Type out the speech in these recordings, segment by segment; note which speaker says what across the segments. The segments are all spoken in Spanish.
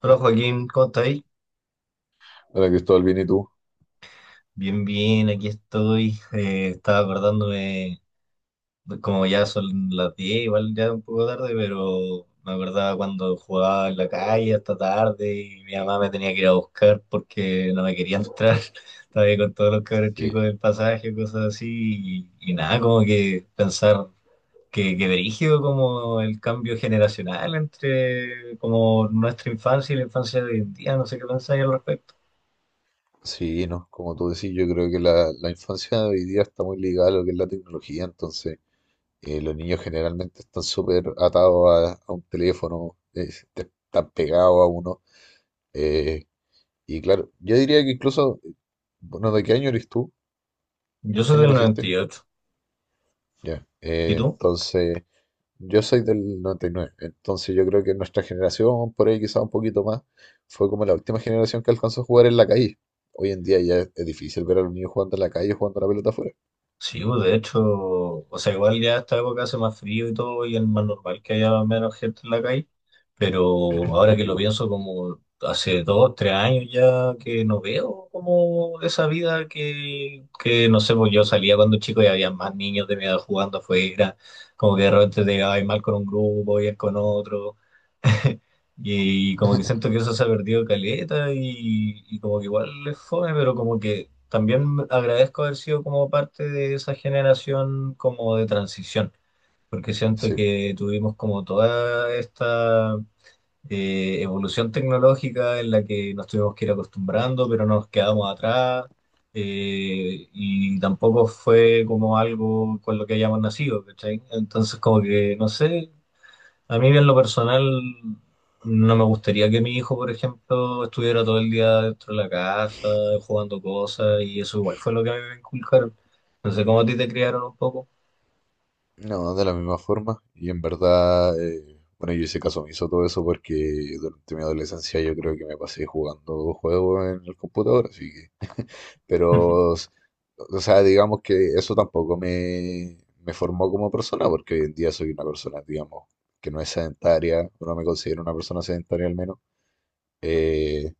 Speaker 1: Hola Joaquín, ¿cómo estáis?
Speaker 2: Hola Cristóbal, bien, ¿y tú?
Speaker 1: Bien, bien, aquí estoy. Estaba acordándome, como ya son las 10, igual ya un poco tarde, pero me acordaba cuando jugaba en la calle hasta tarde y mi mamá me tenía que ir a buscar porque no me quería entrar. Estaba ahí con todos los cabros chicos
Speaker 2: Sí,
Speaker 1: del pasaje, cosas así, y nada, como que pensar que brígido como el cambio generacional entre como nuestra infancia y la infancia de hoy en día, no sé qué pensáis al respecto.
Speaker 2: sí, no, como tú decís, yo creo que la infancia de hoy día está muy ligada a lo que es la tecnología. Entonces, los niños generalmente están súper atados a un teléfono. Están pegados a uno. eh, y claro, yo diría que incluso, bueno, ¿de qué año eres tú?
Speaker 1: Yo
Speaker 2: ¿Qué
Speaker 1: soy
Speaker 2: año
Speaker 1: del noventa
Speaker 2: naciste?
Speaker 1: y ocho.
Speaker 2: Ya.
Speaker 1: ¿Y tú?
Speaker 2: Entonces, yo soy del noventa y nueve. Entonces yo creo que nuestra generación, por ahí quizá un poquito más, fue como la última generación que alcanzó a jugar en la calle. Hoy en día ya es difícil ver a los niños jugando en la calle, jugando a la pelota afuera.
Speaker 1: Sí, pues, de hecho, o sea, igual ya esta época hace más frío y todo, y es más normal que haya menos gente en la calle, pero ahora que lo
Speaker 2: Lógico.
Speaker 1: pienso, como hace 2, 3 años ya que no veo como esa vida que no sé, pues yo salía cuando chico y había más niños de mi edad jugando afuera, como que de repente te llevabas mal con un grupo y con otro. Y como que siento que eso se ha perdido caleta y como que igual es fome, pero como que también agradezco haber sido como parte de esa generación como de transición, porque siento
Speaker 2: Sí,
Speaker 1: que tuvimos como toda esta evolución tecnológica en la que nos tuvimos que ir acostumbrando, pero no nos quedamos atrás y tampoco fue como algo con lo que hayamos nacido, ¿cachai? Entonces como que, no sé, a mí en lo personal no me gustaría que mi hijo, por ejemplo, estuviera todo el día dentro de la casa jugando cosas y eso igual fue lo que a mí me inculcaron. No sé cómo a ti te criaron un poco.
Speaker 2: no, de la misma forma. Y en verdad, bueno, yo hice caso hizo todo eso, porque durante mi adolescencia yo creo que me pasé jugando juegos en el computador, así que... Pero, s- o sea, digamos que eso tampoco me formó como persona, porque hoy en día soy una persona, digamos, que no es sedentaria, o no me considero una persona sedentaria al menos. Eh,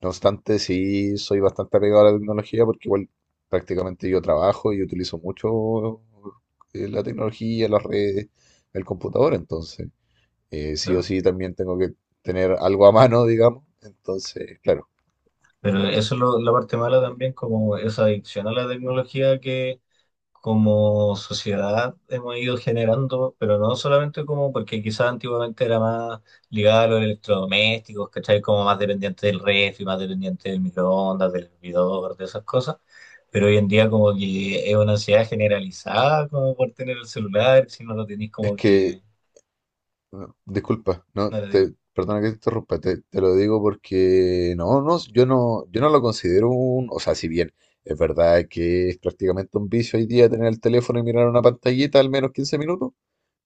Speaker 2: no obstante, sí soy bastante apegado a la tecnología, porque igual prácticamente yo trabajo y utilizo mucho la tecnología, las redes, el computador. Entonces, sí o
Speaker 1: No.
Speaker 2: sí también tengo que tener algo a mano, digamos. Entonces, claro.
Speaker 1: Pero eso es lo- la parte mala también, como esa adicción a la tecnología que como sociedad hemos ido generando, pero no solamente como, porque quizás antiguamente era más ligado a los electrodomésticos, ¿cachai? Como más dependiente del refri, más dependiente del microondas, del hervidor, de esas cosas. Pero hoy en día como que es una ansiedad generalizada como por tener el celular, si no lo tenés
Speaker 2: Es
Speaker 1: como
Speaker 2: que
Speaker 1: que...
Speaker 2: No, disculpa,
Speaker 1: No
Speaker 2: no,
Speaker 1: lo tenés,
Speaker 2: perdona que te interrumpa. Te lo digo porque no, no, yo no lo considero un. O sea, si bien es verdad que es prácticamente un vicio hoy día tener el teléfono y mirar una pantallita al menos 15 minutos,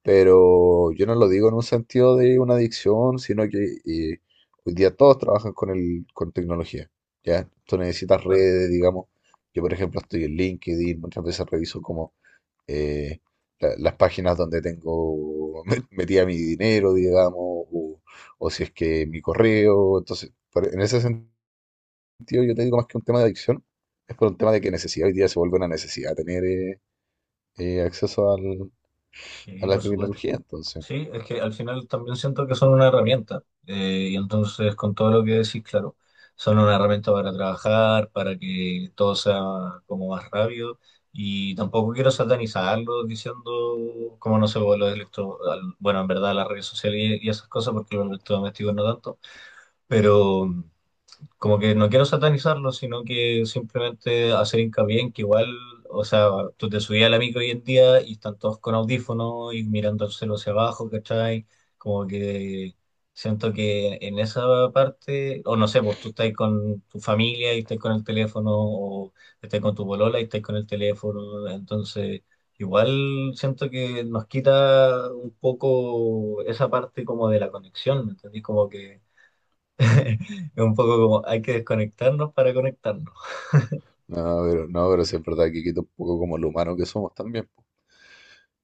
Speaker 2: pero yo no lo digo en un sentido de una adicción, sino que eh, hoy día todos trabajan con con tecnología. ¿Ya? Tú necesitas
Speaker 1: claro.
Speaker 2: redes, digamos. Yo, por ejemplo, estoy en LinkedIn, muchas veces reviso como eh, las páginas donde tengo metida mi dinero, digamos, o si es que mi correo. Entonces, en ese sentido, yo te digo más que un tema de adicción, es por un tema de que necesidad. Hoy día se vuelve una necesidad tener acceso
Speaker 1: Sí,
Speaker 2: a la
Speaker 1: por supuesto.
Speaker 2: tecnología. Entonces,
Speaker 1: Sí, es que al final también siento que son una herramienta. Y entonces, con todo lo que decís, claro, son una herramienta para trabajar, para que todo sea como más rápido. Y tampoco quiero satanizarlo diciendo, como no sé, bueno, los bueno, en verdad las redes sociales y esas cosas, porque los electrodomésticos no tanto. Pero como que no quiero satanizarlo, sino que simplemente hacer hincapié en que igual, o sea, tú te subías a la micro hoy en día y están todos con audífonos y mirando el cielo hacia abajo, ¿cachai? Como que siento que en esa parte, o no sé, pues tú estás con tu familia y estás con el teléfono, o estás con tu polola y estás con el teléfono, entonces... Igual siento que nos quita un poco esa parte como de la conexión, ¿me entendí? Como que es un poco como hay que desconectarnos para conectarnos.
Speaker 2: no, pero, no, pero sí es verdad que quita un poco como lo humano que somos también, po.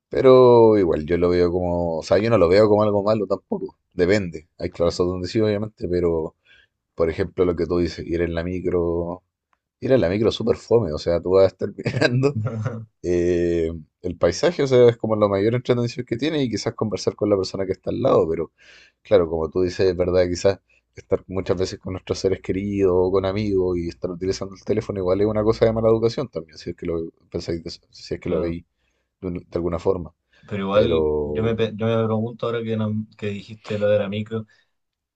Speaker 2: Pero igual yo lo veo como, o sea, yo no lo veo como algo malo tampoco. Depende. Hay clases donde sí, obviamente, pero por ejemplo, lo que tú dices, ir en la micro... Ir a la micro es súper fome. O sea, tú vas a estar mirando eh, el paisaje. O sea, es como la mayor entretención que tiene, y quizás conversar con la persona que está al lado. Pero claro, como tú dices, es verdad, quizás estar muchas veces con nuestros seres queridos o con amigos y estar utilizando el teléfono igual es una cosa de mala educación también, si es que lo pensáis, si es que lo
Speaker 1: Claro.
Speaker 2: veis de alguna forma.
Speaker 1: Pero igual yo me,
Speaker 2: Pero
Speaker 1: pe- yo me pregunto ahora que, no- que dijiste lo de la micro.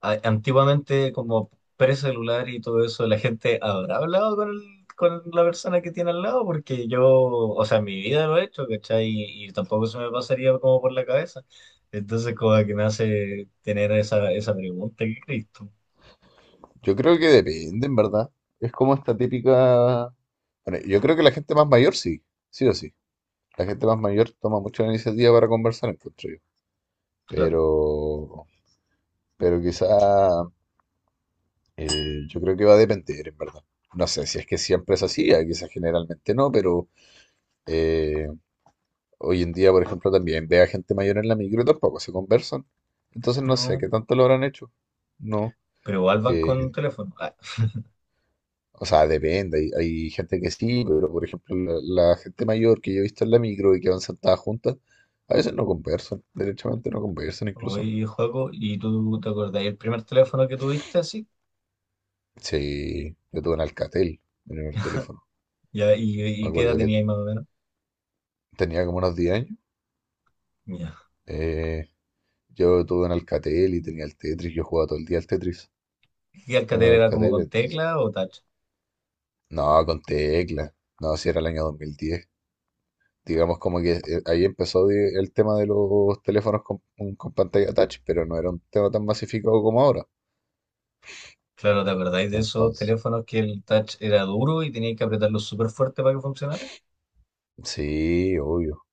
Speaker 1: Antiguamente, como precelular y todo eso, ¿la gente habrá hablado con la persona que tiene al lado? Porque yo, o sea, en mi vida lo he hecho, ¿cachai? Y tampoco se me pasaría como por la cabeza. Entonces, como que me hace tener esa, esa pregunta, ¿qué crees tú?
Speaker 2: yo creo que depende, en verdad. Es como esta típica... Bueno, yo creo que la gente más mayor sí, sí o sí. La gente más mayor toma mucho la iniciativa para conversar, encuentro yo.
Speaker 1: Claro.
Speaker 2: Pero, pero quizá eh, yo creo que va a depender, en verdad. No sé si es que siempre es así. Quizás generalmente no, pero eh, hoy en día, por ejemplo, también ve a gente mayor en la micro y tampoco se conversan. Entonces no sé
Speaker 1: No.
Speaker 2: qué tanto lo habrán hecho. No.
Speaker 1: Pero igual van con
Speaker 2: eh,
Speaker 1: teléfono. Ah.
Speaker 2: o sea, depende. Hay gente que sí, pero por ejemplo, la gente mayor que yo he visto en la micro y que van sentadas juntas, a veces no conversan, derechamente no conversan incluso.
Speaker 1: Oye, Joaco, ¿y tú te acordás el primer teléfono que tuviste así?
Speaker 2: Sí, yo tuve un Alcatel, mi primer teléfono.
Speaker 1: Ya, ¿y,
Speaker 2: Me
Speaker 1: y qué edad
Speaker 2: acuerdo que
Speaker 1: tenías más o menos?
Speaker 2: tenía como unos 10 años.
Speaker 1: Ya.
Speaker 2: eh, yo tuve un Alcatel y tenía el Tetris. Yo jugaba todo el día al Tetris
Speaker 1: ¿Y
Speaker 2: en el
Speaker 1: Alcatel era como
Speaker 2: Alcatel.
Speaker 1: con
Speaker 2: Entonces,
Speaker 1: tecla o touch?
Speaker 2: no, con tecla. No, si era el año 2010. Digamos como que ahí empezó el tema de los teléfonos con pantalla touch, pero no era un tema tan masificado como ahora.
Speaker 1: Claro, ¿te acordáis de esos
Speaker 2: Entonces,
Speaker 1: teléfonos que el touch era duro y tenías que apretarlo súper fuerte para que funcionara?
Speaker 2: sí, obvio,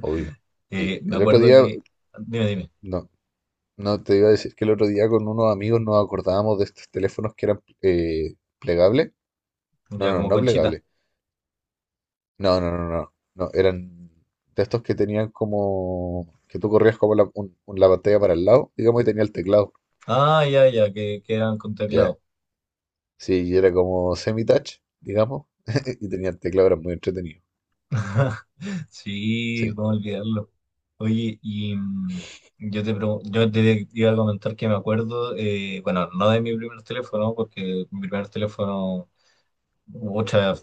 Speaker 2: obvio.
Speaker 1: Me
Speaker 2: El otro
Speaker 1: acuerdo
Speaker 2: día,
Speaker 1: que... Dime, dime.
Speaker 2: no, No, te iba a decir que el otro día con unos amigos nos acordábamos de estos teléfonos que eran plegables. No,
Speaker 1: Ya,
Speaker 2: no,
Speaker 1: como
Speaker 2: no
Speaker 1: conchita.
Speaker 2: plegables. No, no, no, no. No, eran de estos que tenían como... que tú corrías como la pantalla para el lado, digamos, y tenía el teclado.
Speaker 1: Ah, ya, ya, que eran con
Speaker 2: Ya.
Speaker 1: teclado.
Speaker 2: Sí, y era como semi-touch, digamos, y tenía el teclado. Era muy entretenido.
Speaker 1: Sí,
Speaker 2: Sí,
Speaker 1: cómo olvidarlo. Oye, yo te iba a comentar que me acuerdo, bueno, no de mi primer teléfono, porque mi primer teléfono Mucha,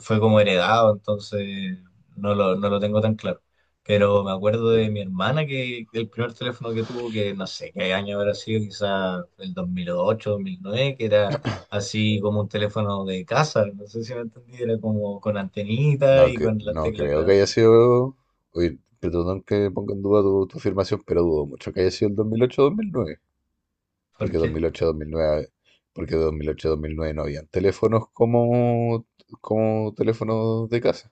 Speaker 1: fue como heredado, entonces no lo tengo tan claro. Pero me acuerdo de
Speaker 2: claro.
Speaker 1: mi hermana que el primer teléfono que tuvo, que no sé qué año habrá sido, quizá el dos mil ocho, 2009, que era así como un teléfono de casa, no sé si me entendí, era como con antenita
Speaker 2: No,
Speaker 1: y con las
Speaker 2: no
Speaker 1: teclas
Speaker 2: creo que
Speaker 1: grandes.
Speaker 2: haya sido... Oye, perdón que ponga en duda tu afirmación, pero dudo mucho que haya sido el 2008-2009.
Speaker 1: ¿Por
Speaker 2: Porque
Speaker 1: qué?
Speaker 2: 2008-2009, porque 2008-2009 no habían teléfonos como, como teléfonos de casa.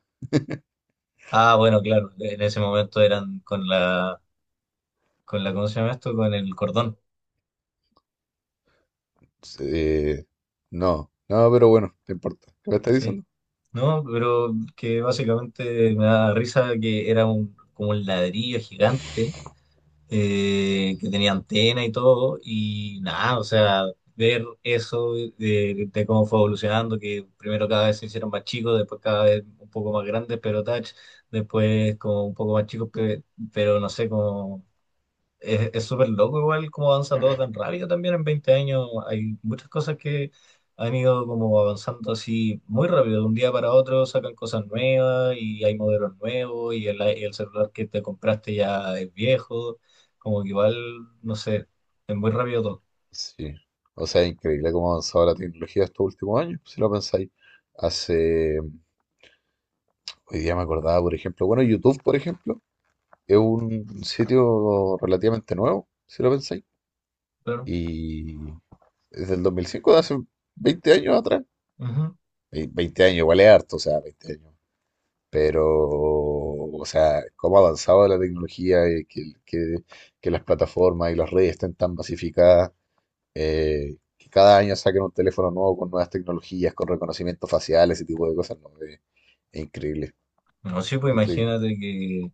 Speaker 1: Ah, bueno, claro, en ese momento eran con la, ¿cómo se llama esto? Con el cordón,
Speaker 2: Eh, no, no, pero bueno, no importa. ¿Qué me estás
Speaker 1: sí.
Speaker 2: diciendo?
Speaker 1: No, pero que básicamente me da risa que era como un ladrillo gigante que tenía antena y todo, y nada, o sea, ver eso de cómo fue evolucionando, que primero cada vez se hicieron más chicos, después cada vez un poco más grandes, pero touch, después como un poco más chicos, pero no sé, cómo es súper loco igual cómo avanza todo tan rápido también en 20 años. Hay muchas cosas que han ido como avanzando así muy rápido. De un día para otro sacan cosas nuevas y hay modelos nuevos y el celular que te compraste ya es viejo. Como que igual, no sé, es muy rápido todo.
Speaker 2: Sí. O sea, es increíble cómo ha avanzado la tecnología estos últimos años, si lo pensáis. Hoy día me acordaba, por ejemplo, bueno, YouTube, por ejemplo, es un sitio relativamente nuevo, si lo pensáis.
Speaker 1: Claro.
Speaker 2: Y es del 2005, de hace 20 años atrás.
Speaker 1: Ujú.
Speaker 2: 20 años, igual es harto, o sea, 20 años. Pero, o sea, cómo ha avanzado la tecnología, que las plataformas y las redes estén tan masificadas, que cada año saquen un teléfono nuevo con nuevas tecnologías, con reconocimiento facial, ese tipo de cosas, ¿no? Increíble,
Speaker 1: No, sí, pues
Speaker 2: increíble.
Speaker 1: imagínate que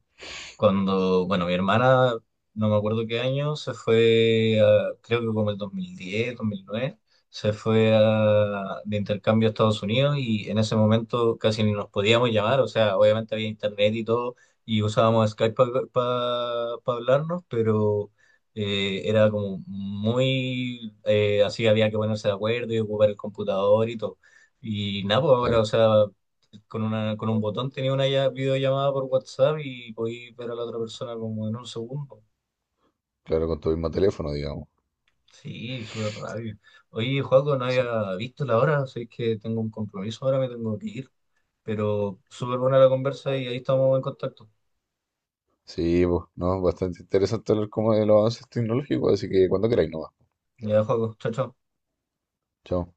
Speaker 1: cuando, bueno, mi hermana, no me acuerdo qué año, se fue, creo que como el dos mil diez 2009 se fue de intercambio a Estados Unidos y en ese momento casi ni nos podíamos llamar, o sea, obviamente había internet y todo y usábamos Skype para hablarnos, pero era como muy, así había que ponerse de acuerdo y ocupar el computador y todo. Y nada, pues ahora, o
Speaker 2: Claro,
Speaker 1: sea, con con un botón tenía una videollamada por WhatsApp y podía ver a la otra persona como en un segundo.
Speaker 2: claro, con tu mismo teléfono, digamos.
Speaker 1: Sí, súper rápido. Oye, Joaco, no
Speaker 2: Sí,
Speaker 1: había visto la hora, sé que tengo un compromiso ahora, me tengo que ir, pero súper buena la conversa y ahí estamos en contacto.
Speaker 2: sí, pues, no, bastante interesante hablar como de los avances tecnológicos, así que cuando queráis, no va.
Speaker 1: Ya, Joaco, chao, chao.
Speaker 2: Chao.